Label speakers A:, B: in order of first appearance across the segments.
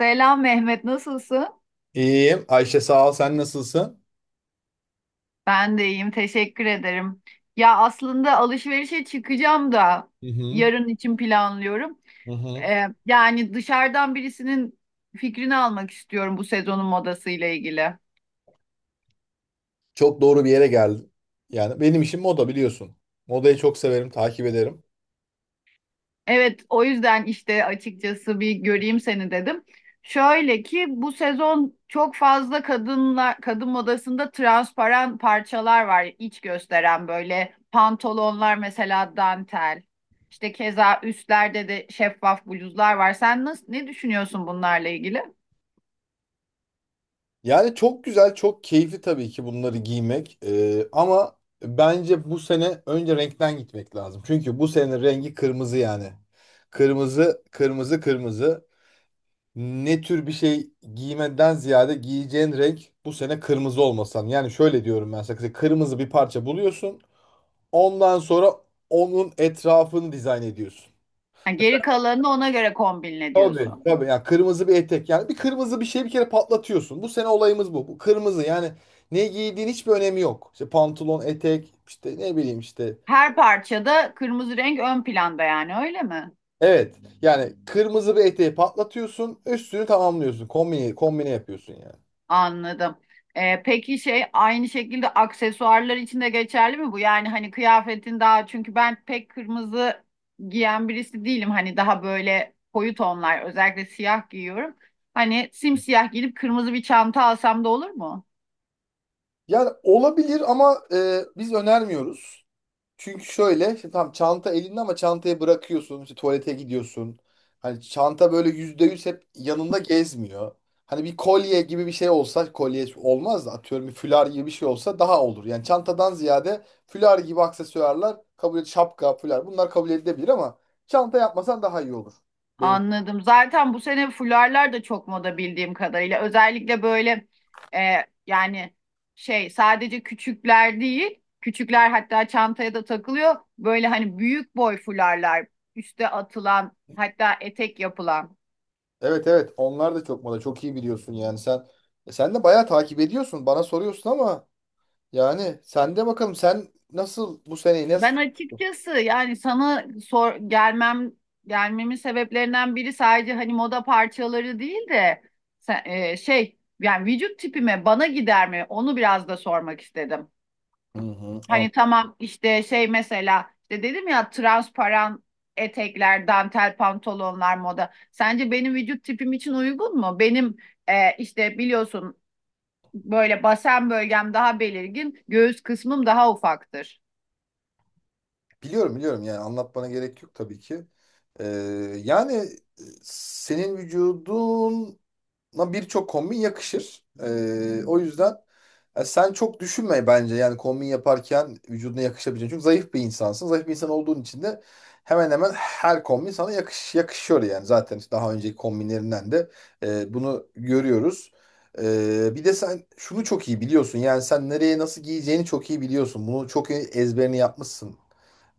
A: Selam Mehmet, nasılsın?
B: İyiyim. Ayşe sağ ol. Sen nasılsın?
A: Ben de iyiyim, teşekkür ederim. Ya aslında alışverişe çıkacağım da
B: Hı hı,
A: yarın için planlıyorum.
B: hı hı.
A: Yani dışarıdan birisinin fikrini almak istiyorum bu sezonun modasıyla ilgili.
B: Çok doğru bir yere geldin. Yani benim işim moda biliyorsun. Modayı çok severim, takip ederim.
A: Evet, o yüzden işte açıkçası bir göreyim seni dedim. Şöyle ki bu sezon çok fazla kadınla kadın modasında transparan parçalar var, iç gösteren böyle pantolonlar mesela dantel. İşte keza üstlerde de şeffaf bluzlar var. Sen nasıl ne düşünüyorsun bunlarla ilgili?
B: Yani çok güzel, çok keyifli tabii ki bunları giymek. Ama bence bu sene önce renkten gitmek lazım. Çünkü bu sene rengi kırmızı yani. Kırmızı, kırmızı, kırmızı. Ne tür bir şey giymeden ziyade giyeceğin renk bu sene kırmızı olmasan. Yani şöyle diyorum ben sana. Kırmızı bir parça buluyorsun. Ondan sonra onun etrafını dizayn ediyorsun.
A: Ha, geri kalanını ona göre kombinle
B: Tabii,
A: diyorsun.
B: tabii. Yani kırmızı bir etek. Yani bir kırmızı bir şey bir kere patlatıyorsun. Bu sene olayımız bu. Bu kırmızı yani ne giydiğin hiçbir önemi yok. İşte pantolon, etek, işte ne bileyim işte.
A: Her parçada kırmızı renk ön planda yani, öyle mi?
B: Evet. Yani kırmızı bir eteği patlatıyorsun. Üstünü tamamlıyorsun. Kombine, kombine yapıyorsun yani.
A: Anladım. Peki şey, aynı şekilde aksesuarlar için de geçerli mi bu? Yani hani kıyafetin daha, çünkü ben pek kırmızı giyen birisi değilim. Hani daha böyle koyu tonlar, özellikle siyah giyiyorum. Hani simsiyah giyip kırmızı bir çanta alsam da olur mu?
B: Yani olabilir ama biz önermiyoruz. Çünkü şöyle işte tam çanta elinde ama çantayı bırakıyorsun, işte tuvalete gidiyorsun. Hani çanta böyle yüzde yüz hep yanında gezmiyor. Hani bir kolye gibi bir şey olsa, kolye olmaz da atıyorum bir fular gibi bir şey olsa daha olur. Yani çantadan ziyade fular gibi aksesuarlar, kabul et, şapka, fular, bunlar kabul edilebilir ama çanta yapmasan daha iyi olur. Ben,
A: Anladım. Zaten bu sene fularlar da çok moda bildiğim kadarıyla. Özellikle böyle e, yani şey, sadece küçükler değil, küçükler hatta çantaya da takılıyor. Böyle hani büyük boy fularlar, üste atılan, hatta etek yapılan.
B: evet, evet, onlar da çok moda, çok iyi biliyorsun yani sen. Sen de bayağı takip ediyorsun, bana soruyorsun ama yani sen de bakalım, sen nasıl bu seneyi nasıl...
A: Ben açıkçası yani sana sor gelmem gelmemin sebeplerinden biri, sadece hani moda parçaları değil de şey yani vücut tipime, bana gider mi? Onu biraz da sormak istedim.
B: Hı hı.
A: Hani tamam işte şey, mesela işte dedim ya, transparan etekler, dantel pantolonlar moda. Sence benim vücut tipim için uygun mu? Benim işte biliyorsun, böyle basen bölgem daha belirgin, göğüs kısmım daha ufaktır.
B: Biliyorum, biliyorum, yani anlatmana gerek yok tabii ki. Ee, yani senin vücuduna birçok kombin yakışır. O yüzden sen çok düşünme bence yani kombin yaparken vücuduna yakışabileceğini. Çünkü zayıf bir insansın. Zayıf bir insan olduğun için de hemen hemen her kombin sana yakışıyor yani. Zaten işte daha önceki kombinlerinden de bunu görüyoruz. Bir de sen şunu çok iyi biliyorsun. Yani sen nereye nasıl giyeceğini çok iyi biliyorsun. Bunu çok iyi ezberini yapmışsın.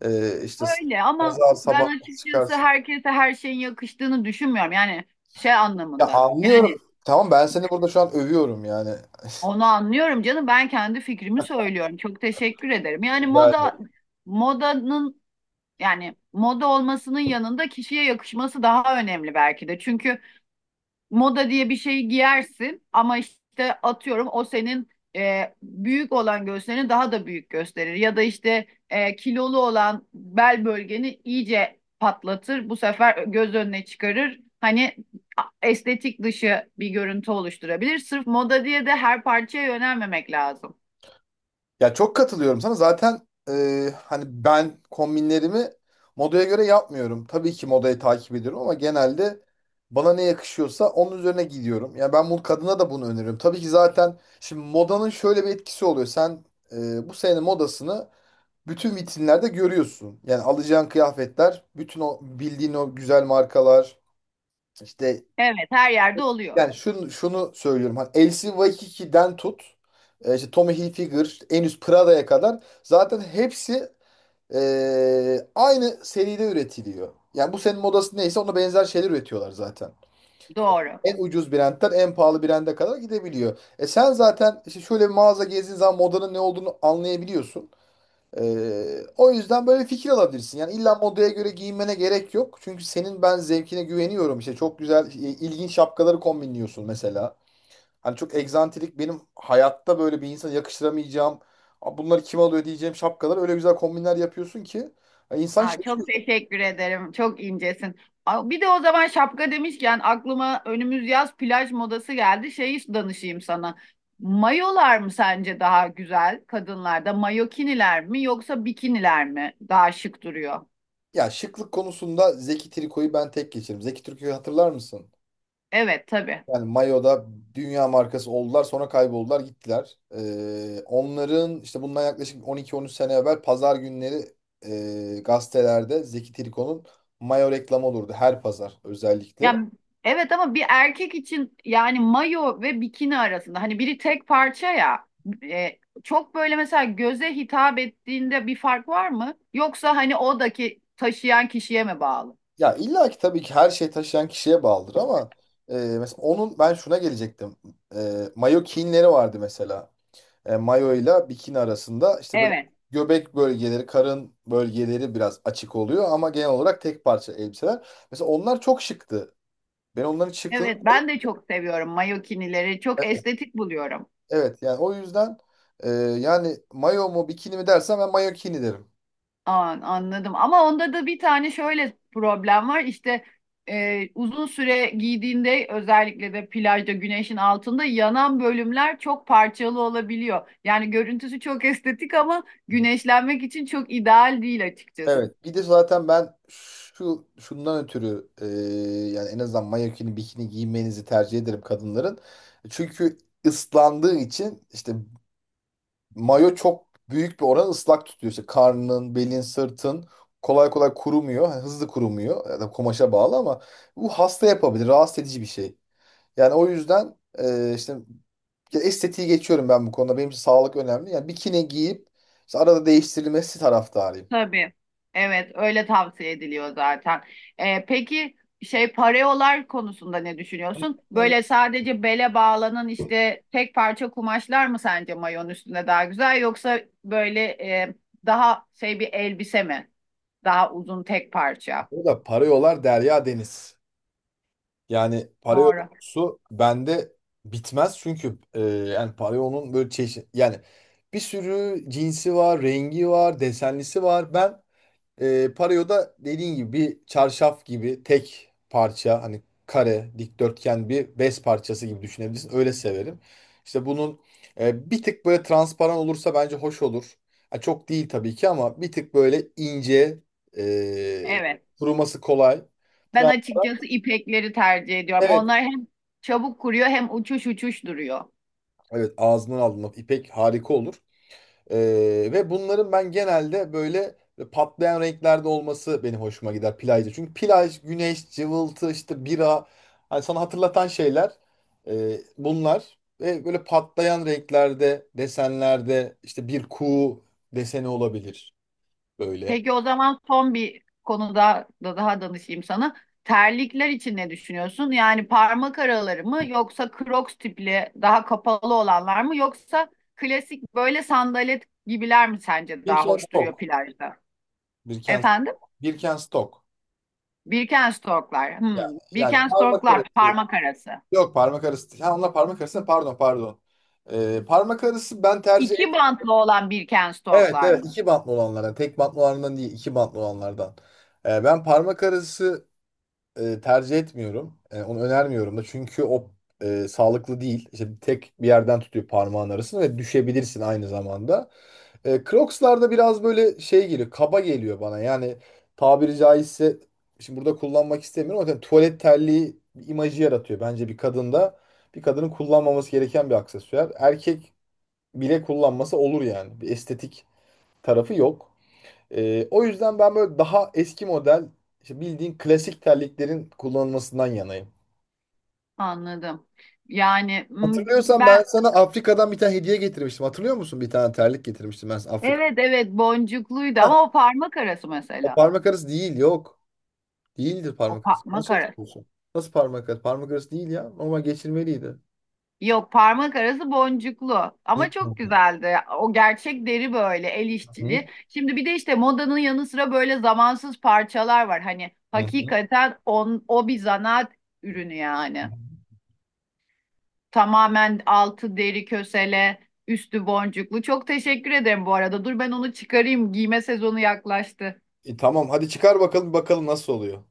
B: İşte
A: Öyle ama
B: pazar
A: ben
B: sabah
A: açıkçası
B: çıkarsın.
A: herkese her şeyin yakıştığını düşünmüyorum. Yani şey
B: Ya
A: anlamında.
B: anlıyorum.
A: Yani
B: Tamam, ben seni burada şu an övüyorum yani.
A: onu anlıyorum canım, ben kendi fikrimi söylüyorum. Çok teşekkür ederim. Yani
B: Rica
A: moda
B: ederim.
A: modanın Yani moda olmasının yanında kişiye yakışması daha önemli belki de. Çünkü moda diye bir şeyi giyersin ama işte atıyorum o senin büyük olan göğslerini daha da büyük gösterir. Ya da işte kilolu olan bel bölgeni iyice patlatır. Bu sefer göz önüne çıkarır. Hani estetik dışı bir görüntü oluşturabilir. Sırf moda diye de her parçaya yönelmemek lazım.
B: Ya çok katılıyorum sana. Zaten hani ben kombinlerimi modaya göre yapmıyorum. Tabii ki modayı takip ediyorum ama genelde bana ne yakışıyorsa onun üzerine gidiyorum. Yani ben bunu kadına da bunu öneriyorum. Tabii ki zaten şimdi modanın şöyle bir etkisi oluyor. Sen bu senenin modasını bütün vitrinlerde görüyorsun. Yani alacağın kıyafetler, bütün o bildiğin o güzel markalar, işte...
A: Evet, her yerde oluyor.
B: Yani şunu söylüyorum. Hani Elsi Waikiki'den tut, işte Tommy Hilfiger, işte en üst Prada'ya kadar zaten hepsi aynı seride üretiliyor. Yani bu senin modası neyse ona benzer şeyler üretiyorlar zaten.
A: Doğru.
B: En ucuz brandten en pahalı brande kadar gidebiliyor. Sen zaten işte şöyle bir mağaza gezdiğin zaman modanın ne olduğunu anlayabiliyorsun. E, o yüzden böyle fikir alabilirsin. Yani illa modaya göre giyinmene gerek yok. Çünkü senin ben zevkine güveniyorum. İşte çok güzel, ilginç şapkaları kombinliyorsun mesela. Hani çok egzantrik, benim hayatta böyle bir insana yakıştıramayacağım. "Aa, bunları kim alıyor?" diyeceğim şapkalar. Öyle güzel kombinler yapıyorsun ki ya, insan
A: Aa, çok
B: şaşıyor.
A: teşekkür ederim. Çok incesin. Aa, bir de o zaman şapka demişken aklıma önümüz yaz plaj modası geldi. Şeyi danışayım sana. Mayolar mı sence daha güzel kadınlarda? Mayokiniler mi yoksa bikiniler mi daha şık duruyor?
B: Ya, şıklık konusunda Zeki Triko'yu ben tek geçerim. Zeki Triko'yu hatırlar mısın?
A: Evet tabii.
B: Yani mayoda dünya markası oldular, sonra kayboldular gittiler. Onların işte bundan yaklaşık 12-13 sene evvel pazar günleri gazetelerde Zeki Triko'nun mayo reklamı olurdu, her pazar özellikle.
A: Yani evet, ama bir erkek için yani mayo ve bikini arasında hani biri tek parça ya, e, çok böyle mesela göze hitap ettiğinde bir fark var mı? Yoksa hani odaki taşıyan kişiye mi bağlı?
B: Ya illa ki tabii ki her şey taşıyan kişiye bağlıdır ama mesela onun ben şuna gelecektim. Mayo kinleri vardı mesela. Mayo ile bikini arasında işte böyle
A: Evet.
B: göbek bölgeleri, karın bölgeleri biraz açık oluyor ama genel olarak tek parça elbiseler. Mesela onlar çok şıktı. Ben onların şıklığını...
A: Evet, ben de çok seviyorum mayokinileri. Çok estetik buluyorum.
B: Evet, yani o yüzden yani mayo mu bikini mi dersen ben mayo kini derim.
A: Anladım. Ama onda da bir tane şöyle problem var. İşte uzun süre giydiğinde özellikle de plajda güneşin altında yanan bölümler çok parçalı olabiliyor. Yani görüntüsü çok estetik ama güneşlenmek için çok ideal değil açıkçası.
B: Evet. Bir de zaten ben şundan ötürü, yani en azından mayokini bikini giymenizi tercih ederim kadınların. Çünkü ıslandığı için işte mayo çok büyük bir oran ıslak tutuyor. İşte karnın, belin, sırtın kolay kolay kurumuyor. Yani hızlı kurumuyor. Ya da kumaşa bağlı ama bu hasta yapabilir. Rahatsız edici bir şey. Yani o yüzden işte ya estetiği geçiyorum ben bu konuda. Benim için sağlık önemli. Yani bikini giyip işte arada değiştirilmesi taraftarıyım.
A: Tabii. Evet, öyle tavsiye ediliyor zaten. Peki şey, pareolar konusunda ne düşünüyorsun? Böyle sadece bele bağlanan işte tek parça kumaşlar mı sence mayon üstünde daha güzel, yoksa böyle daha şey bir elbise mi? Daha uzun tek parça.
B: Burada para yolar derya deniz. Yani para
A: Doğru.
B: yolcusu bende bitmez, çünkü yani para yolunun böyle çeşit, yani bir sürü cinsi var, rengi var, desenlisi var. Ben pareo da dediğin gibi bir çarşaf gibi tek parça, hani kare, dikdörtgen bir bez parçası gibi düşünebilirsin. Öyle severim. İşte bunun bir tık böyle transparan olursa bence hoş olur. Ha, çok değil tabii ki, ama bir tık böyle ince, e,
A: Evet.
B: kuruması kolay.
A: Ben açıkçası
B: Transparan.
A: ipekleri tercih ediyorum.
B: Evet,
A: Onlar hem çabuk kuruyor hem uçuş uçuş duruyor.
B: evet, ağzından aldığında ipek harika olur. Ee, ve bunların ben genelde böyle patlayan renklerde olması benim hoşuma gider plajda. Çünkü plaj, güneş, cıvıltı, işte bira, hani sana hatırlatan şeyler bunlar. Ve böyle patlayan renklerde, desenlerde, işte bir kuğu deseni olabilir böyle.
A: Peki o zaman son bir konuda da daha danışayım sana. Terlikler için ne düşünüyorsun? Yani parmak araları mı yoksa Crocs tipli daha kapalı olanlar mı yoksa klasik böyle sandalet gibiler mi sence daha hoş duruyor
B: Birkenstock.
A: plajda?
B: Birkenstock.
A: Efendim?
B: Birkenstock.
A: Birkenstocklar.
B: Yani,
A: Hmm.
B: yani, parmak
A: Birkenstocklar
B: arası.
A: parmak arası.
B: Yok, parmak arası. Ha, onlar parmak arası. Pardon, pardon. Parmak arası ben tercih...
A: İki bantlı olan
B: Evet,
A: Birkenstocklar
B: evet,
A: mı?
B: iki bantlı olanlardan. Yani tek bantlı olanlardan değil, iki bantlı olanlardan. Ben parmak arası tercih etmiyorum. Onu önermiyorum da, çünkü o sağlıklı değil. İşte tek bir yerden tutuyor parmağın arasını ve düşebilirsin aynı zamanda. Crocs'larda biraz böyle şey geliyor, kaba geliyor bana, yani tabiri caizse şimdi burada kullanmak istemiyorum ama yani tuvalet terliği bir imajı yaratıyor bence bir kadında. Bir kadının kullanmaması gereken bir aksesuar. Erkek bile kullanması olur yani. Bir estetik tarafı yok. O yüzden ben böyle daha eski model, işte bildiğin klasik terliklerin kullanılmasından yanayım.
A: Anladım. Yani hmm,
B: Hatırlıyorsan
A: ben
B: ben sana Afrika'dan bir tane hediye getirmiştim. Hatırlıyor musun? Bir tane terlik getirmiştim ben sana Afrika.
A: evet evet, boncukluydu ama o parmak arası
B: O
A: mesela.
B: parmak arası değil, yok. Değildir
A: O
B: parmak arası.
A: parmak
B: Yanlış
A: arası.
B: hatırlıyorsun. Nasıl parmak arası? Parmak arası değil ya. Normal geçirmeliydi.
A: Yok, parmak arası boncuklu
B: Hı
A: ama çok
B: hı,
A: güzeldi. O gerçek deri, böyle el
B: hı.
A: işçiliği. Şimdi bir de işte modanın yanı sıra böyle zamansız parçalar var. Hani
B: Hı hı.
A: hakikaten o bir zanaat ürünü yani. Tamamen altı deri kösele, üstü boncuklu. Çok teşekkür ederim bu arada. Dur ben onu çıkarayım. Giyme sezonu yaklaştı.
B: Tamam hadi çıkar bakalım, bakalım nasıl oluyor.